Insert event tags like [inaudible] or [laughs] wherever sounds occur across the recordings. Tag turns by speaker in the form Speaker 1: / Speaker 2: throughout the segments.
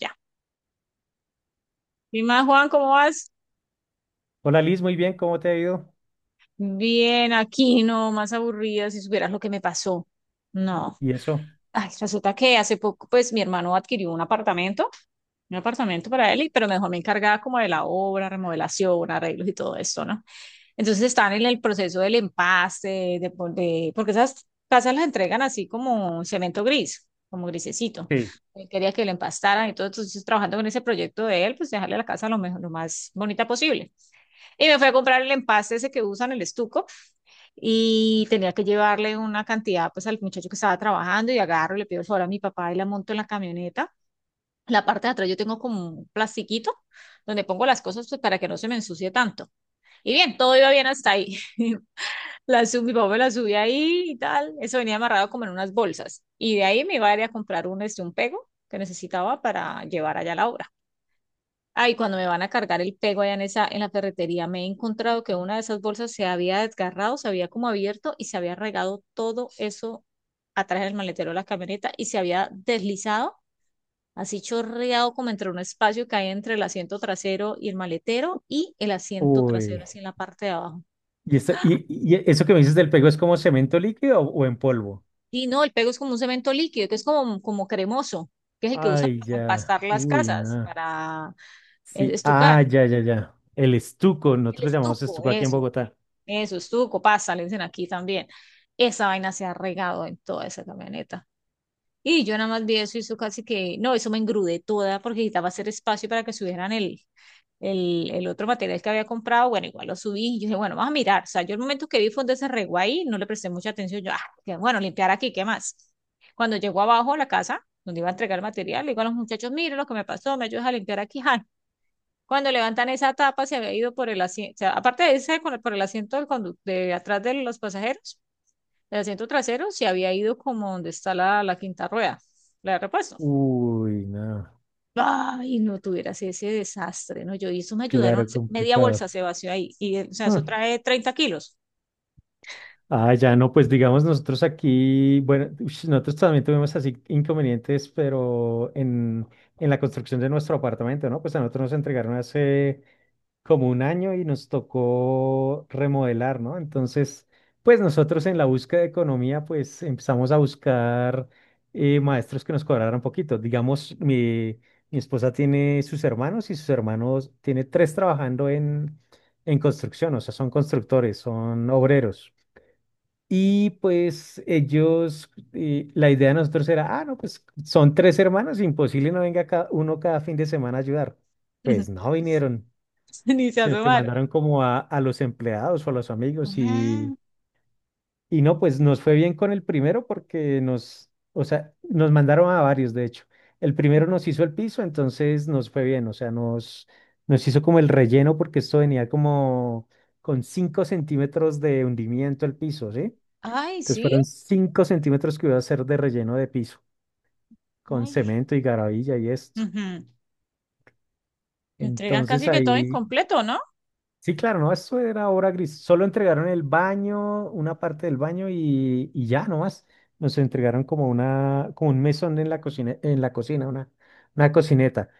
Speaker 1: Ya. ¿Y más, Juan, cómo vas?
Speaker 2: Hola Liz, muy bien, ¿cómo te ha ido?
Speaker 1: Bien, aquí no, más aburrida si supieras lo que me pasó. No.
Speaker 2: ¿Y eso?
Speaker 1: Ay, resulta que hace poco, pues, mi hermano adquirió un apartamento para él, pero mejor me encargaba como de la obra, remodelación, arreglos y todo esto, ¿no? Entonces están en el proceso del empaste, porque esas casas las entregan así como cemento gris, como grisecito.
Speaker 2: Sí,
Speaker 1: Él quería que lo empastaran y todo, entonces trabajando con ese proyecto de él, pues dejarle la casa lo mejor, lo más bonita posible. Y me fui a comprar el empaste ese que usan, el estuco, y tenía que llevarle una cantidad pues al muchacho que estaba trabajando y agarro, le pido el favor a mi papá y la monto en la camioneta. La parte de atrás yo tengo como un plastiquito donde pongo las cosas pues, para que no se me ensucie tanto. Y bien, todo iba bien hasta ahí. [laughs] Mi papá me la subí ahí y tal. Eso venía amarrado como en unas bolsas. Y de ahí me iba a ir a comprar un pego que necesitaba para llevar allá a la obra. Ay, cuando me van a cargar el pego allá en la ferretería, me he encontrado que una de esas bolsas se había desgarrado, se había como abierto y se había regado todo eso atrás del maletero de la camioneta y se había deslizado, así chorreado como entre un espacio que hay entre el asiento trasero y el maletero y el asiento trasero
Speaker 2: uy,
Speaker 1: así en la parte de abajo.
Speaker 2: ¿y eso que me dices del pego es como cemento líquido o en polvo?
Speaker 1: Y no, el pego es como un cemento líquido, que es como cremoso, que es el que usan
Speaker 2: Ay,
Speaker 1: para
Speaker 2: ya,
Speaker 1: empastar las
Speaker 2: uy,
Speaker 1: casas,
Speaker 2: nada.
Speaker 1: para
Speaker 2: Sí,
Speaker 1: estucar,
Speaker 2: ah, ya, ya, ya. El estuco,
Speaker 1: el
Speaker 2: nosotros lo llamamos
Speaker 1: estuco,
Speaker 2: estuco aquí en
Speaker 1: eso.
Speaker 2: Bogotá.
Speaker 1: Eso, estuco, pasa, le dicen aquí también. Esa vaina se ha regado en toda esa camioneta. Y yo nada más vi eso y eso casi que, no, eso me engrudé toda porque necesitaba hacer espacio para que subieran el otro material que había comprado. Bueno, igual lo subí y yo dije, bueno, vamos a mirar. O sea, yo el momento que vi fue donde se regó ahí, no le presté mucha atención. Yo, ah, que bueno, limpiar aquí, ¿qué más? Cuando llegó abajo a la casa, donde iba a entregar el material, le digo a los muchachos, miren lo que me pasó, me ayudas a limpiar aquí. Ah, cuando levantan esa tapa, se había ido por el asiento, aparte de ese, por el asiento de atrás de los pasajeros, el asiento trasero se había ido como donde está la quinta rueda, la de repuesto.
Speaker 2: Uy, nada.
Speaker 1: Ay, no tuvieras ese desastre, ¿no? Yo, y eso me ayudaron,
Speaker 2: Claro,
Speaker 1: media bolsa
Speaker 2: complicado.
Speaker 1: se vació ahí, o sea,
Speaker 2: Ah,
Speaker 1: eso trae 30 kilos.
Speaker 2: ah, ya no, pues digamos nosotros aquí, bueno, ush, nosotros también tuvimos así inconvenientes, pero en la construcción de nuestro apartamento, ¿no? Pues a nosotros nos entregaron hace como un año y nos tocó remodelar, ¿no? Entonces, pues nosotros en la búsqueda de economía, pues empezamos a buscar maestros que nos cobraran poquito. Digamos, mi esposa tiene sus hermanos y sus hermanos tiene tres trabajando en construcción, o sea, son constructores, son obreros. Y pues ellos, la idea de nosotros era, ah, no, pues son tres hermanos, imposible no venga uno cada fin de semana a ayudar. Pues
Speaker 1: [laughs]
Speaker 2: no vinieron,
Speaker 1: Ni se
Speaker 2: sino que
Speaker 1: asomaron.
Speaker 2: mandaron como a los empleados o a los amigos
Speaker 1: Ajá.
Speaker 2: y no, pues nos fue bien con el primero porque o sea, nos mandaron a varios, de hecho. El primero nos hizo el piso, entonces nos fue bien, o sea, nos hizo como el relleno porque esto venía como con 5 centímetros de hundimiento el piso, ¿sí?
Speaker 1: Ay,
Speaker 2: Entonces
Speaker 1: sí,
Speaker 2: fueron 5 centímetros que iba a hacer de relleno de piso, con
Speaker 1: ay,
Speaker 2: cemento y garabilla y esto.
Speaker 1: ujú. Te entregan
Speaker 2: Entonces
Speaker 1: casi que todo
Speaker 2: ahí,
Speaker 1: incompleto, ¿no?
Speaker 2: sí, claro, no, eso era obra gris. Solo entregaron el baño, una parte del baño y ya nomás. Nos entregaron como un mesón en la cocina, una cocineta.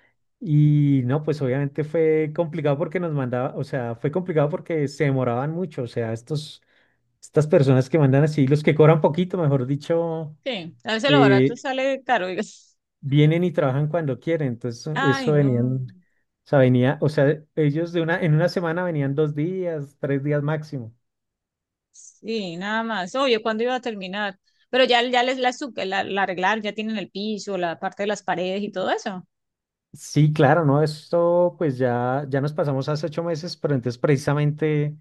Speaker 2: Y no, pues obviamente fue complicado porque nos mandaba, o sea, fue complicado porque se demoraban mucho. O sea, estas personas que mandan así, los que cobran poquito, mejor dicho.
Speaker 1: Sí, a veces lo barato
Speaker 2: Eh,
Speaker 1: sale caro, digo.
Speaker 2: Vienen y trabajan cuando quieren. Entonces,
Speaker 1: Ay,
Speaker 2: eso
Speaker 1: no.
Speaker 2: o sea, venía, o sea, en una semana venían 2 días, 3 días máximo.
Speaker 1: Sí, nada más. Obvio, ¿cuándo iba a terminar? Pero ya, ya les la, su- la arreglaron, ya tienen el piso, la parte de las paredes y todo eso.
Speaker 2: Sí, claro, ¿no? Esto pues ya nos pasamos hace 8 meses, pero entonces precisamente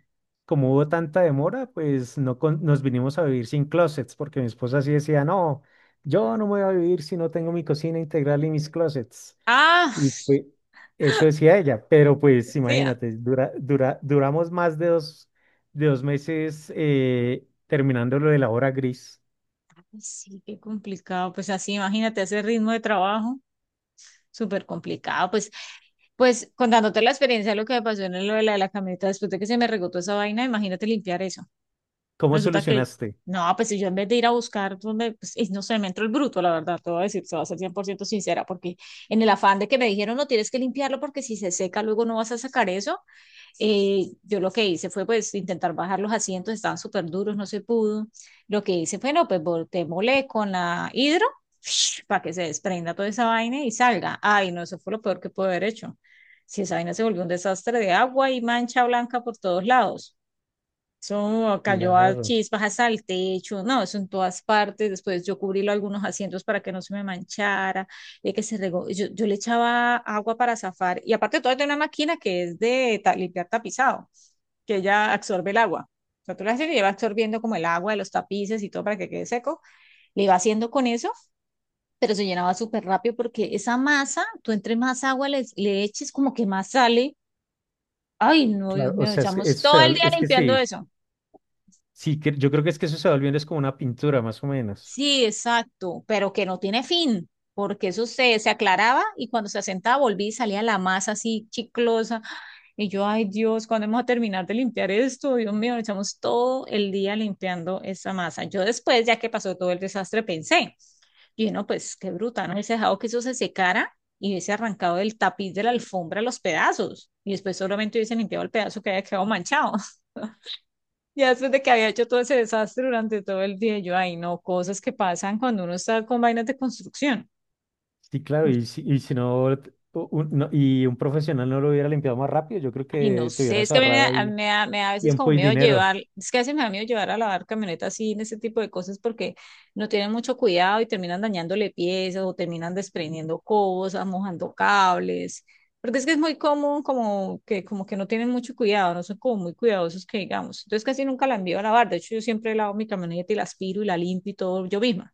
Speaker 2: como hubo tanta demora, pues no con- nos vinimos a vivir sin closets, porque mi esposa sí decía, no, yo no me voy a vivir si no tengo mi cocina integral y mis closets.
Speaker 1: Ah,
Speaker 2: Y pues eso decía ella, pero pues
Speaker 1: [laughs] sí, ah,
Speaker 2: imagínate, duramos más de de 2 meses terminando lo de la hora gris.
Speaker 1: sí, qué complicado. Pues así, imagínate ese ritmo de trabajo, súper complicado. Pues contándote la experiencia, de lo que me pasó en lo de la camioneta, después de que se me regotó esa vaina, imagínate limpiar eso.
Speaker 2: ¿Cómo
Speaker 1: Resulta que,
Speaker 2: solucionaste?
Speaker 1: no, pues si yo en vez de ir a buscar donde, pues, y no sé, me entró el bruto, la verdad, te voy a decir, se va a ser 100% sincera, porque en el afán de que me dijeron, no tienes que limpiarlo porque si se seca luego no vas a sacar eso, yo lo que hice fue pues intentar bajar los asientos, estaban súper duros, no se pudo. Lo que hice fue, no, pues volteémosle con la hidro [laughs] [sniffs] para que se desprenda toda esa vaina y salga. Ay, no, eso fue lo peor que pude haber hecho. Si esa vaina se volvió un desastre de agua y mancha blanca por todos lados. Eso cayó a
Speaker 2: Claro,
Speaker 1: chispas, hasta el techo, no, eso en todas partes. Después yo cubrí algunos asientos para que no se me manchara, de que se regó. Yo le echaba agua para zafar. Y aparte de todo, tengo una máquina que es limpiar tapizado, que ella absorbe el agua. O sea, tú la haces y lleva absorbiendo como el agua de los tapices y todo para que quede seco. Le iba haciendo con eso, pero se llenaba súper rápido porque esa masa, tú entre más agua le eches, como que más sale. Ay, no, Dios
Speaker 2: claro, o
Speaker 1: mío,
Speaker 2: sea, es, que
Speaker 1: echamos
Speaker 2: eso se
Speaker 1: todo el
Speaker 2: va-
Speaker 1: día
Speaker 2: es que
Speaker 1: limpiando
Speaker 2: sí,
Speaker 1: eso.
Speaker 2: sí, yo creo que es que eso se va volviendo es como una pintura, más o menos.
Speaker 1: Sí, exacto, pero que no tiene fin, porque eso se aclaraba y cuando se asentaba volví y salía la masa así chiclosa. Y yo, ay Dios, ¿cuándo vamos a terminar de limpiar esto? Dios mío, echamos todo el día limpiando esa masa. Yo después, ya que pasó todo el desastre, pensé, y no, pues qué bruta, no hubiese dejado que eso se secara y hubiese arrancado del tapiz de la alfombra los pedazos y después solamente hubiese limpiado el pedazo que había quedado manchado. Ya después de que había hecho todo ese desastre durante todo el día, yo, ay, no, cosas que pasan cuando uno está con vainas de construcción.
Speaker 2: Sí, claro, y si no, y un profesional no lo hubiera limpiado más rápido, yo creo
Speaker 1: Ay, no
Speaker 2: que te
Speaker 1: sé, es
Speaker 2: hubieras
Speaker 1: que a mí me
Speaker 2: ahorrado
Speaker 1: da, a mí
Speaker 2: ahí
Speaker 1: me da a veces como
Speaker 2: tiempo y
Speaker 1: miedo
Speaker 2: dinero.
Speaker 1: llevar, es que a veces me da miedo llevar a lavar camionetas así en ese tipo de cosas porque no tienen mucho cuidado y terminan dañándole piezas o terminan desprendiendo cosas, mojando cables, porque es que es muy común como que no tienen mucho cuidado, no son como muy cuidadosos que digamos. Entonces casi nunca la envío a lavar, de hecho yo siempre lavo mi camioneta y la aspiro y la limpio y todo yo misma.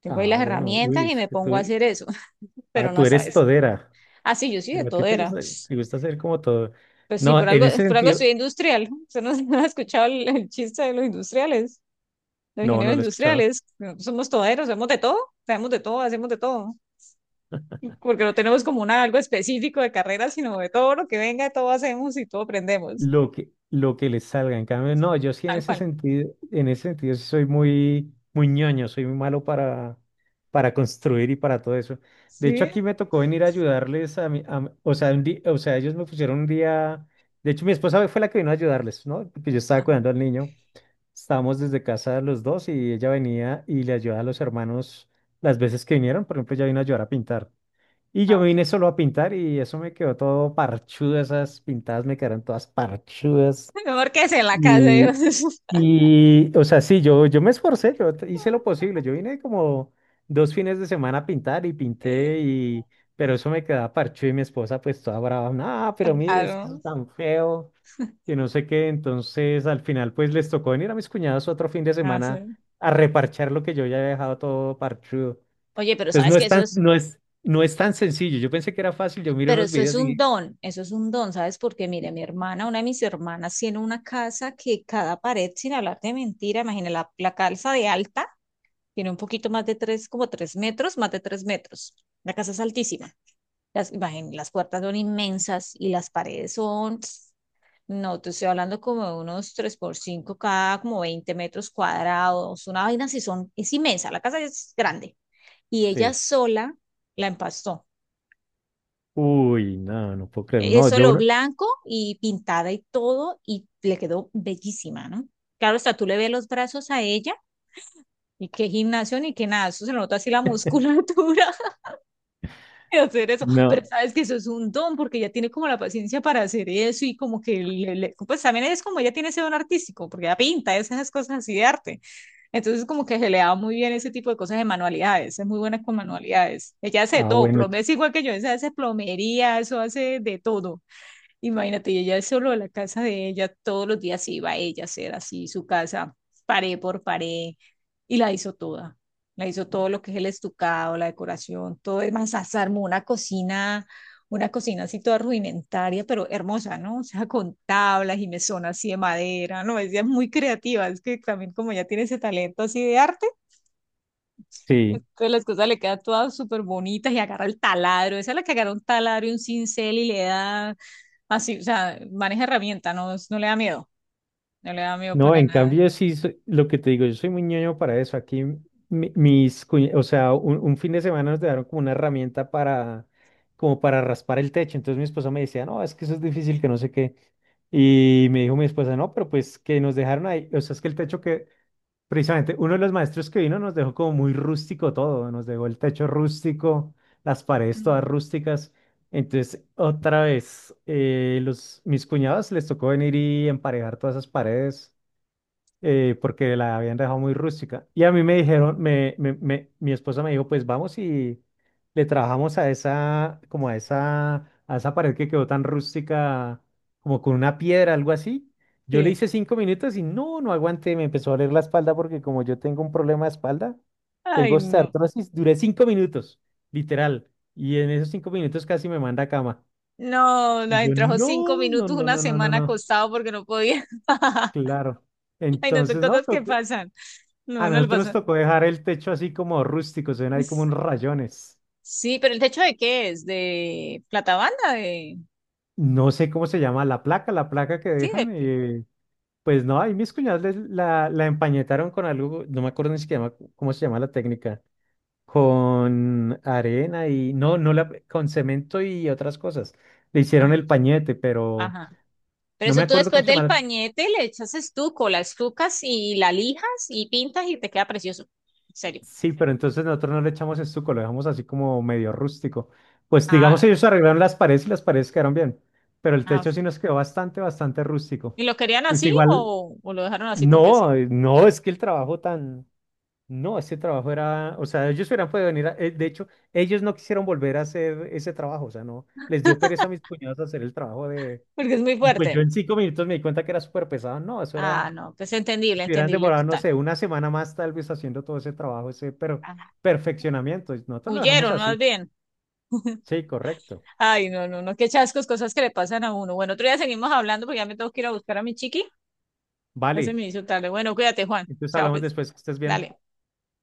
Speaker 1: Tengo ahí
Speaker 2: Ah,
Speaker 1: las
Speaker 2: bueno,
Speaker 1: herramientas
Speaker 2: uy,
Speaker 1: y
Speaker 2: es
Speaker 1: me
Speaker 2: que
Speaker 1: pongo a
Speaker 2: tú,
Speaker 1: hacer eso, [laughs] pero
Speaker 2: ah,
Speaker 1: no
Speaker 2: tú eres
Speaker 1: sabes.
Speaker 2: todera.
Speaker 1: Ah, sí, yo sí de
Speaker 2: Digo, a
Speaker 1: todo
Speaker 2: ti te
Speaker 1: era.
Speaker 2: gusta, te gusta hacer como todo.
Speaker 1: Pues sí,
Speaker 2: No, en ese
Speaker 1: por algo soy
Speaker 2: sentido,
Speaker 1: industrial. Usted no, [laughs] no ha escuchado el chiste de los industriales, los
Speaker 2: no, no
Speaker 1: ingenieros
Speaker 2: lo he escuchado.
Speaker 1: industriales. No, somos toderos, hacemos de todo, sabemos de todo, hacemos de todo. Porque no tenemos como algo específico de carrera, sino de todo lo que venga, todo hacemos y todo aprendemos.
Speaker 2: Lo que les salga, en cambio, no, yo sí en
Speaker 1: Tal
Speaker 2: ese
Speaker 1: cual.
Speaker 2: sentido, sí soy muy, muy ñoño, soy muy malo para construir y para todo eso. De hecho,
Speaker 1: Sí.
Speaker 2: aquí me tocó venir a ayudarles o sea, o sea, ellos me pusieron un día, de hecho, mi esposa fue la que vino a ayudarles, ¿no? Porque yo estaba
Speaker 1: Ajá.
Speaker 2: cuidando al niño, estábamos desde casa los dos y ella venía y le ayudaba a los hermanos las veces que vinieron, por ejemplo, ella vino a ayudar a pintar. Y yo
Speaker 1: Ah,
Speaker 2: me
Speaker 1: ok.
Speaker 2: vine solo a pintar y eso me quedó todo parchudo, esas pintadas me quedaron todas parchudas.
Speaker 1: [laughs] Mejor que en la casa. Yo.
Speaker 2: Y,
Speaker 1: [laughs]
Speaker 2: y o sea, sí, yo me esforcé, hice lo posible. Yo vine como 2 fines de semana a pintar y
Speaker 1: Sí,
Speaker 2: pinté, pero eso me quedaba parchudo y mi esposa pues toda brava, no, pero mire, es que eso
Speaker 1: claro.
Speaker 2: es tan feo, que no sé qué. Entonces al final pues les tocó venir a mis cuñados otro fin de
Speaker 1: Ah,
Speaker 2: semana
Speaker 1: sí.
Speaker 2: a reparchar lo que yo ya había dejado todo parchudo.
Speaker 1: Oye, pero
Speaker 2: Entonces
Speaker 1: sabes que eso es
Speaker 2: no es tan sencillo. Yo pensé que era fácil, yo miro
Speaker 1: Pero
Speaker 2: unos
Speaker 1: eso es
Speaker 2: videos
Speaker 1: un
Speaker 2: y
Speaker 1: don, eso es un don, ¿sabes? Porque mire, mi hermana, una de mis hermanas tiene una casa que cada pared, sin hablar de mentira, imagina la calza de alta, tiene un poquito más de tres, como 3 metros, más de 3 metros. La casa es altísima. Las puertas son inmensas y las paredes son, no, te estoy hablando como de unos 3 por 5 cada, como 20 metros cuadrados, una vaina así son, es inmensa, la casa es grande. Y ella
Speaker 2: sí.
Speaker 1: sola la empastó.
Speaker 2: Uy, no, no puedo creerlo.
Speaker 1: Es
Speaker 2: No, yo
Speaker 1: solo
Speaker 2: no.
Speaker 1: blanco y pintada y todo, y le quedó bellísima, ¿no? Claro, hasta tú le ves los brazos a ella, y qué gimnasio ni qué nada, eso se nota así la musculatura [laughs] de hacer eso, pero
Speaker 2: No.
Speaker 1: sabes que eso es un don, porque ella tiene como la paciencia para hacer eso, y como que, pues también es como ella tiene ese don artístico, porque ella pinta esas cosas así de arte. Entonces, como que se le da muy bien ese tipo de cosas de manualidades, es muy buena con manualidades. Ella hace de
Speaker 2: Ah,
Speaker 1: todo,
Speaker 2: bueno,
Speaker 1: plomería es igual que yo, ella hace plomería, eso hace de todo. Imagínate, y ella es solo de la casa de ella, todos los días iba ella a hacer así su casa, pared por pared, y la hizo toda. La hizo todo lo que es el estucado, la decoración, todo es más, hasta armó una cocina así toda rudimentaria, pero hermosa, ¿no? O sea, con tablas y mesón así de madera, ¿no? Ella es muy creativa, es que también como ya tiene ese talento así de arte,
Speaker 2: sí.
Speaker 1: entonces las cosas le quedan todas súper bonitas y agarra el taladro, esa es la que agarra un taladro y un cincel y le da. Así, o sea, maneja herramienta, no, no le da miedo, no le da miedo
Speaker 2: No,
Speaker 1: para
Speaker 2: en
Speaker 1: nada.
Speaker 2: cambio sí, lo que te digo, yo soy muy ñoño para eso. Aquí o sea, un fin de semana nos dejaron como una herramienta como para raspar el techo. Entonces mi esposa me decía, no, es que eso es difícil, que no sé qué. Y me dijo mi esposa, no, pero pues que nos dejaron ahí, o sea, es que el techo que precisamente, uno de los maestros que vino nos dejó como muy rústico todo, nos dejó el techo rústico, las paredes todas
Speaker 1: Mm.
Speaker 2: rústicas. Entonces, otra vez, mis cuñados les tocó venir y emparejar todas esas paredes porque la habían dejado muy rústica. Y a mí me dijeron, mi esposa me dijo, pues vamos y le trabajamos a esa, como a esa pared que quedó tan rústica, como con una piedra, algo así. Yo le
Speaker 1: Sí.
Speaker 2: hice 5 minutos y no, no aguanté, me empezó a doler la espalda porque como yo tengo un problema de espalda,
Speaker 1: Ay,
Speaker 2: tengo
Speaker 1: no.
Speaker 2: osteoartrosis, duré 5 minutos, literal. Y en esos 5 minutos casi me manda a cama.
Speaker 1: No,
Speaker 2: Y
Speaker 1: la
Speaker 2: yo,
Speaker 1: trabajó cinco
Speaker 2: no, no,
Speaker 1: minutos
Speaker 2: no,
Speaker 1: una
Speaker 2: no, no, no,
Speaker 1: semana
Speaker 2: no,
Speaker 1: acostado porque no podía. [laughs]
Speaker 2: claro.
Speaker 1: Ay, no son
Speaker 2: Entonces, no,
Speaker 1: cosas que
Speaker 2: no.
Speaker 1: pasan.
Speaker 2: A
Speaker 1: No, no le
Speaker 2: nosotros nos
Speaker 1: pasa.
Speaker 2: tocó dejar el techo así como rústico, se ven ahí como
Speaker 1: S-
Speaker 2: unos rayones.
Speaker 1: Sí, pero el techo ¿de qué es? ¿De platabanda? De.
Speaker 2: No sé cómo se llama la placa que
Speaker 1: Sí, de.
Speaker 2: dejan. Pues no, ahí mis cuñados la empañetaron con algo, no me acuerdo ni siquiera cómo se llama la técnica, con arena y no, no la, con cemento y otras cosas. Le hicieron
Speaker 1: Ah,
Speaker 2: el pañete, pero
Speaker 1: ajá. Pero
Speaker 2: no me
Speaker 1: eso tú
Speaker 2: acuerdo cómo
Speaker 1: después
Speaker 2: se
Speaker 1: del
Speaker 2: llama.
Speaker 1: pañete le echas estuco, la estucas y la lijas y pintas y te queda precioso. En serio.
Speaker 2: Sí, pero entonces nosotros no le echamos estuco, lo dejamos así como medio rústico. Pues
Speaker 1: Ah,
Speaker 2: digamos, ellos arreglaron las paredes y las paredes quedaron bien, pero el
Speaker 1: ah,
Speaker 2: techo sí nos quedó bastante, bastante rústico.
Speaker 1: ¿y lo querían
Speaker 2: Pues
Speaker 1: así
Speaker 2: igual,
Speaker 1: o lo dejaron así porque sí?
Speaker 2: no, no, es que el trabajo tan, no, ese trabajo era, o sea, ellos hubieran podido venir, de hecho, ellos no quisieron volver a hacer ese trabajo, o sea, no, les dio pereza a mis cuñados hacer el trabajo
Speaker 1: Porque es muy
Speaker 2: y pues yo
Speaker 1: fuerte.
Speaker 2: en 5 minutos me di cuenta que era súper pesado, no, eso era,
Speaker 1: Ah, no, pues entendible,
Speaker 2: si hubieran
Speaker 1: entendible
Speaker 2: demorado, no
Speaker 1: total.
Speaker 2: sé, una semana más tal vez haciendo todo ese trabajo, ese pero
Speaker 1: Ah,
Speaker 2: perfeccionamiento. Nosotros lo dejamos
Speaker 1: huyeron más
Speaker 2: así.
Speaker 1: bien.
Speaker 2: Sí, correcto.
Speaker 1: Ay, no, no, no, qué chascos, cosas que le pasan a uno. Bueno, otro día seguimos hablando porque ya me tengo que ir a buscar a mi chiqui. Ya se
Speaker 2: Vale.
Speaker 1: me hizo tarde. Bueno, cuídate, Juan.
Speaker 2: Entonces
Speaker 1: Chao,
Speaker 2: hablamos
Speaker 1: pues.
Speaker 2: después, que estés bien.
Speaker 1: Dale.